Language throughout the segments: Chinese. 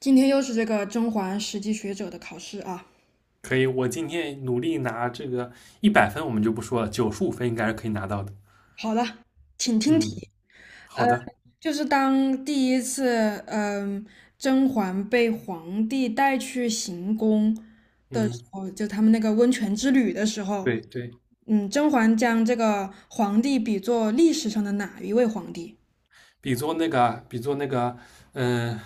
今天又是这个甄嬛实际学者的考试啊。可以，我今天努力拿这个100分，我们就不说了，95分应该是可以拿到的。好了，请听题。嗯，呃，好的。就是当第一次，嗯、甄嬛被皇帝带去行宫的时嗯。候，就他们那个温泉之旅的时候，对对。甄嬛将这个皇帝比作历史上的哪一位皇帝？比作那个，嗯、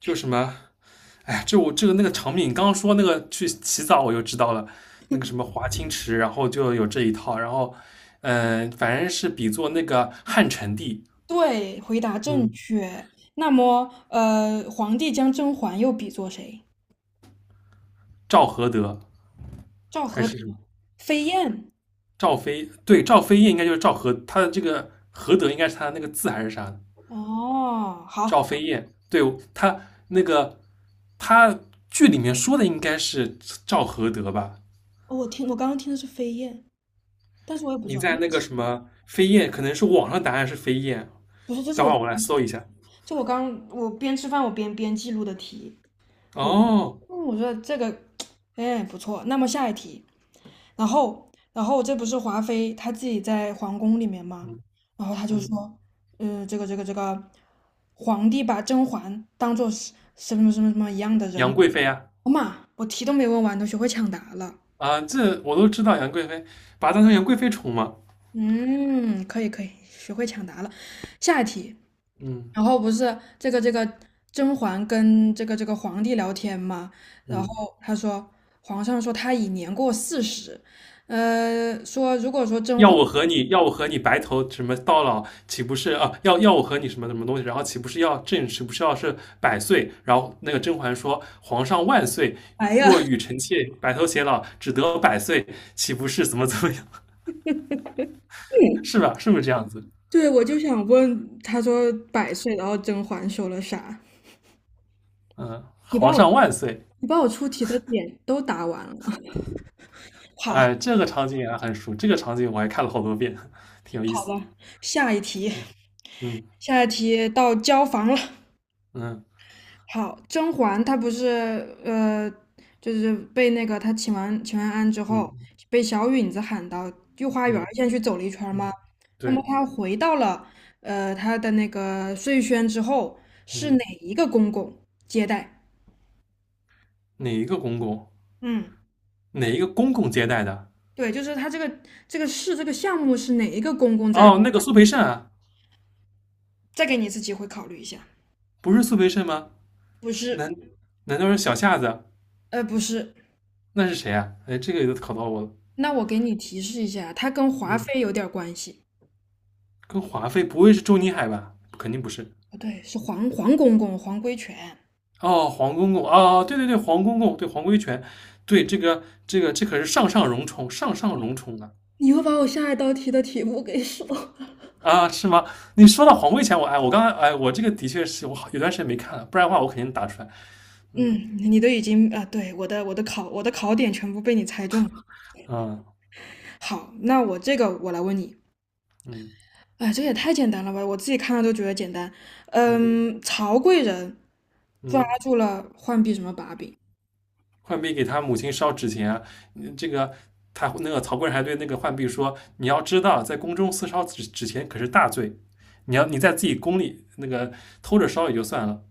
就什么，哎，就我这个那个场景，你刚刚说那个去洗澡，我就知道了，那个什么华清池，然后就有这一套，然后，反正是比作那个汉成帝。对，回答正嗯。确。那么，皇帝将甄嬛又比作谁？赵合德，赵还合德、是什么飞燕。赵飞。对，赵飞燕应该就是赵合，他的这个合德应该是他的那个字还是啥的。哦，好，赵飞燕。对，他那个他剧里面说的应该是赵合德吧？哦，我刚刚听的是飞燕，但是我也不知你道，在那个什么飞燕，可能是网上答案是飞燕，不是，这是等我会自儿我来己搜一写下。就我边吃饭我边记录的题，我嗯哦。我觉得这个哎不错，那么下一题，然后这不是华妃她自己在皇宫里面吗？嗯然后她就嗯，说，这个皇帝把甄嬛当做是什么一样的杨人，贵妃啊。我妈，我题都没问完，都学会抢答了，啊，这我都知道杨贵妃，把她当成杨贵妃宠嘛。嗯，可以可以，学会抢答了，下一题。嗯。然后不是这个甄嬛跟这个皇帝聊天嘛，然后嗯，他说皇上说他已年过40，说如果说甄要嬛，我和你要我和你白头什么到老，岂不是啊？要我和你什么什么东西？然后岂不是要百岁？然后那个甄嬛说："皇上万岁，哎呀，若与 臣妾白头偕老，只得百岁，岂不是怎么怎么样？是吧？是不是这样子？对，我就想问，他说100岁，然后甄嬛说了啥？嗯，你把皇我上万岁！你把我出题的点都答完了吗？ 好，好哎，这个场景也很熟，这个场景我还看了好多遍，挺有意思。的，下一题，嗯嗯下一题到交房了。嗯好，甄嬛她不是呃，就是被那个她请完安之后，嗯被小允子喊到御花园儿嗯先去走了一圈儿吗？嗯。那么对。她回到了她的那个碎轩之后，是哪嗯。一个公公接待？哪一个公公？嗯，哪一个公公接待的？对，就是她这个事这个项目是哪一个公公在？哦，那个苏培盛啊。再给你一次机会考虑一下，不是苏培盛吗？不是，难难道是小夏子？不是。那是谁啊？哎，这个都考到我了。那我给你提示一下，他跟华嗯，妃有点儿关系，跟华妃不会是周宁海吧？肯定不是。不对，是黄公公黄规全。哦，黄公公。哦，对对对，黄公公，对黄规全。对，这个这可是上上荣宠，上上荣宠啊。你又把我下一道题的题目给说了。啊，是吗？你说到黄规全，我刚才哎，我这个的确是我好有段时间没看了，不然的话我肯定打出来。嗯。嗯，你都已经啊，对，我的考点全部被你猜中了。啊。好，那我这个我来问你，嗯哎，这也太简单了吧，我自己看了都觉得简单。嗯曹贵人抓嗯。住了浣碧什么把柄？浣碧给他母亲烧纸钱啊。这个他那个曹刿还对那个浣碧说："你要知道，在宫中私烧纸钱可是大罪，你在自己宫里那个偷着烧也就算了。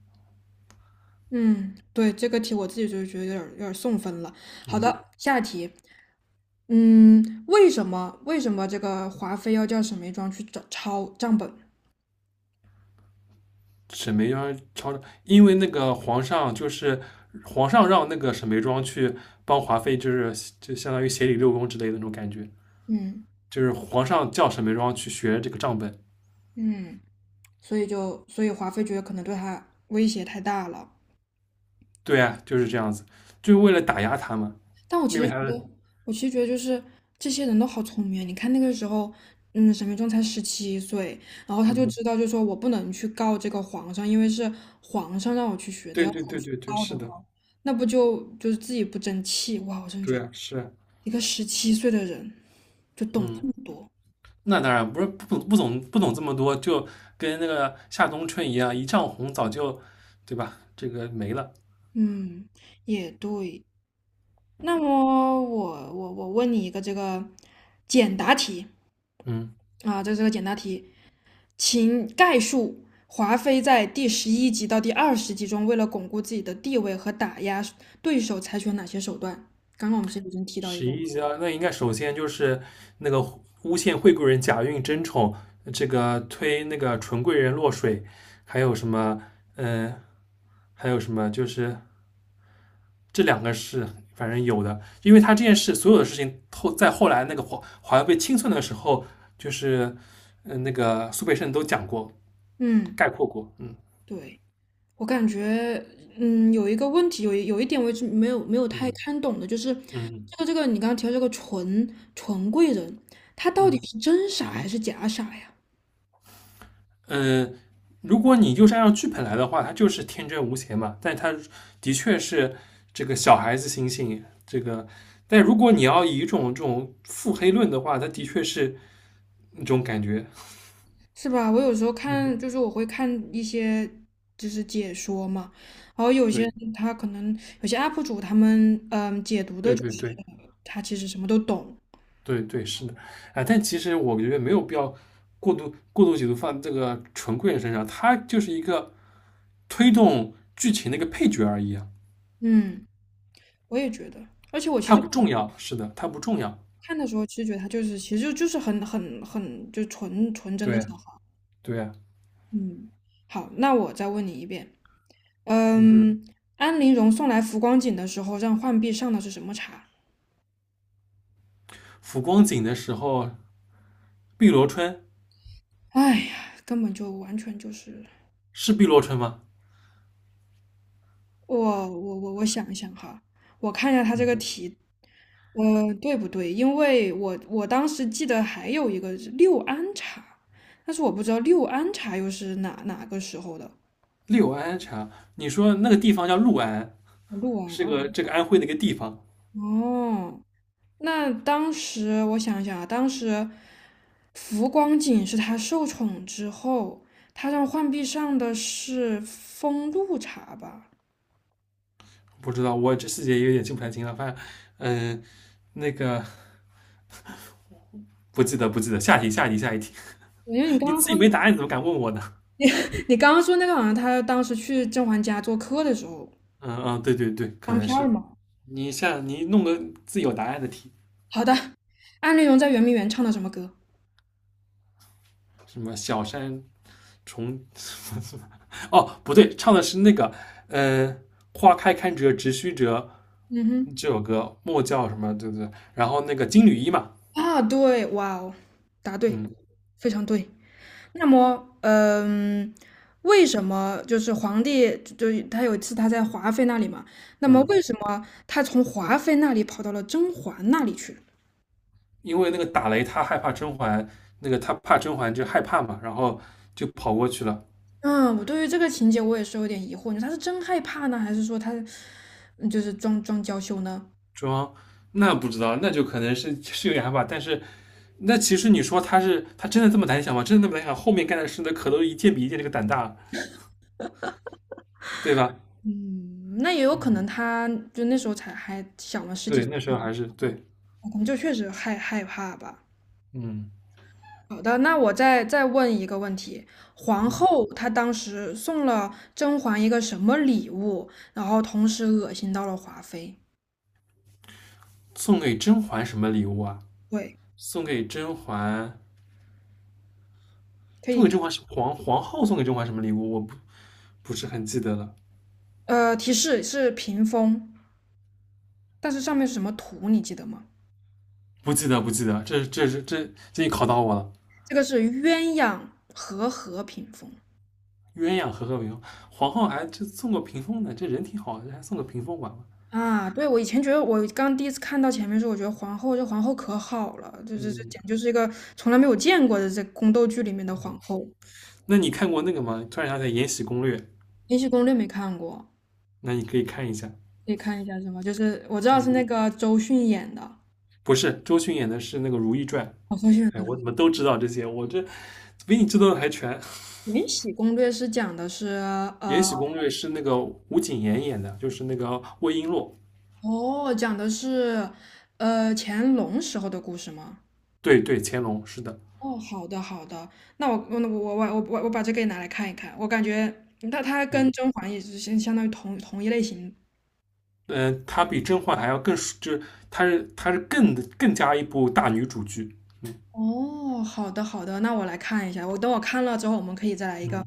嗯，对，这个题我自己就觉得有点送分了。好嗯，的，下一题。为什么这个华妃要叫沈眉庄去找抄账本？沈眉庄抄着，因为那个皇上让那个沈眉庄去帮华妃，就相当于协理六宫之类的那种感觉，嗯就是皇上叫沈眉庄去学这个账本。嗯。所以华妃觉得可能对他威胁太大了。对啊，就是这样子，就是为了打压他嘛，但我其因为实觉他的，得，我其实觉得就是这些人都好聪明啊。你看那个时候，沈眉庄才十七岁，然后他就嗯，知道，就说我不能去告这个皇上，因为是皇上让我去学的，对要是对我对去对对，告是的话，的，那不就是自己不争气。哇，我真的觉对得啊，是啊。一个十七岁的人就懂嗯，这么多，那当然不是不懂这么多，就跟那个夏冬春一样，一丈红早就，对吧？这个没了。嗯，也对。那么我问你一个这个简答题嗯，啊，这是个简答题，请概述华妃在第11集到第20集中，为了巩固自己的地位和打压对手，采取了哪些手段？刚刚我们其实已经提到一十个了一家那应该首先就是那个诬陷惠贵人假孕争宠，这个推那个纯贵人落水。还有什么？嗯、还有什么？就是这两个是反正有的，因为他这件事所有的事情后来那个华为被清算的时候，就是那个苏培盛都讲过嗯，概括过。嗯。对，我感觉，有一个问题，有一点我一直没有太嗯看懂的，就是嗯这个你刚刚提到这个纯贵人，他到底嗯是真傻还是假傻呀？嗯，如果你就是按照剧本来的话，它就是天真无邪嘛。但它的确是这个小孩子心性，这个。但如果你要以一种这种腹黑论的话，它的确是那种感觉。是吧？我有时候嗯，看，就是我会看一些就是解说嘛，然后有些对人他可能有些 UP 主他们解读的对就对是对他其实什么都懂，对对，是的。啊，但其实我觉得没有必要过度解读放这个纯贵人身上，他就是一个推动剧情的一个配角而已啊，嗯，我也觉得，而且我其他实不重要。是的，他不重要。看的时候，其实觉得他就是其实就是很就纯真的对小孩儿对。嗯，好，那我再问你一遍，嗯。安陵容送来浮光锦的时候，让浣碧上的是什么茶？浮光景的时候，碧螺春。哎呀，根本就完全就是是碧螺春吗？我我想一想哈，我看一下他这个题，对不对？因为我当时记得还有一个是六安茶，但是我不知道六安茶又是哪个时候的。六安茶，你说那个地方叫六安，录完是个哦这个安徽的一个地方。哦，那当时我想一想啊，当时浮光景是他受宠之后，他让浣碧上的是风露茶吧？不知道，我这细节有点记不太清了。反正，嗯、那个不记得，不记得。下一题，下一题，下一题。因为你刚你刚自己没说 答案，你怎么敢问我呢？你刚刚说那个好像他当时去甄嬛家做客的时候嗯嗯，对对对，可当能片儿是。嘛。你弄个自己有答案的题。好的，安陵容在圆明园唱的什么歌？什么小山重 哦，不对，唱的是那个，呃，花开堪折直须折嗯哼，这首歌，莫叫什么，对不对？然后那个金缕衣嘛。啊，对，哇哦，答对，嗯非常对。那么，为什么就是皇帝就他有一次他在华妃那里嘛？那么嗯。为什么他从华妃那里跑到了甄嬛那里去？因为那个打雷他害怕甄嬛，那个他怕甄嬛就害怕嘛，然后就跑过去了。嗯，我对于这个情节我也是有点疑惑，你说他是真害怕呢，还是说他就是装装娇羞呢？装那不知道，那就可能是有点害怕，但是那其实你说他真的这么胆小吗？真的那么胆小？后面干的事那可都一件比一件这个胆大，对吧？嗯，那也有可嗯，能他就那时候才还小嘛，十几对，岁，那时候还是对。可能就确实害怕吧。嗯。好的，那我再问一个问题：皇后她当时送了甄嬛一个什么礼物，然后同时恶心到了华妃？送给甄嬛什么礼物啊？对，送给甄嬛，可送以，给甄嬛是皇后送给甄嬛什么礼物？我不是很记得了，提示是屏风，但是上面是什么图，你记得吗？不记得不记得，这这是这这你考到我了。这个是鸳鸯和合屏风鸳鸯和和平。皇后还这送个屏风呢，这人挺好，还送个屏风玩玩。啊。对，我以前觉得，我刚第一次看到前面的时候，我觉得这皇后可好了，这嗯，简直就是一个从来没有见过的，这宫斗剧里面的皇后。那你看过那个吗？突然想起来《延禧攻略》。《延禧攻略》没看过，那你可以看一下。可以看一下是吗？就是我知道是嗯，那个周迅演的，不是，周迅演的是那个《如懿传》。哦，周迅演哎，的我怎么都知道这些？我这比你知道的还全。《延禧攻略》是讲的是《延呃，禧攻略》是那个吴谨言演的，就是那个魏璎珞。哦，讲的是乾隆时候的故事吗？对对，乾隆是的。哦，好的好的，那我把这个也拿来看一看，我感觉那它跟嗯甄嬛也是相当于同一类型。嗯、它比甄嬛还要更，就是他是更加一部大女主剧。哦，好的好的，那我来看一下，我等我看了之后，我们可以再来一个嗯，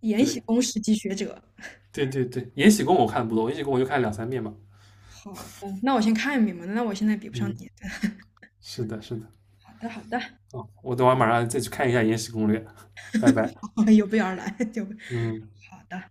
《延禧对宫史记学者》。对对对，《延禧宫》我看的不多，《延禧宫》我就看了两三遍吧。好的，那我先看一遍嘛，那我现在比不上嗯，你。是的是的。好的好的。哦，我等会儿马上再去看一下《延禧攻略》。拜拜。有备而来，就嗯。好的。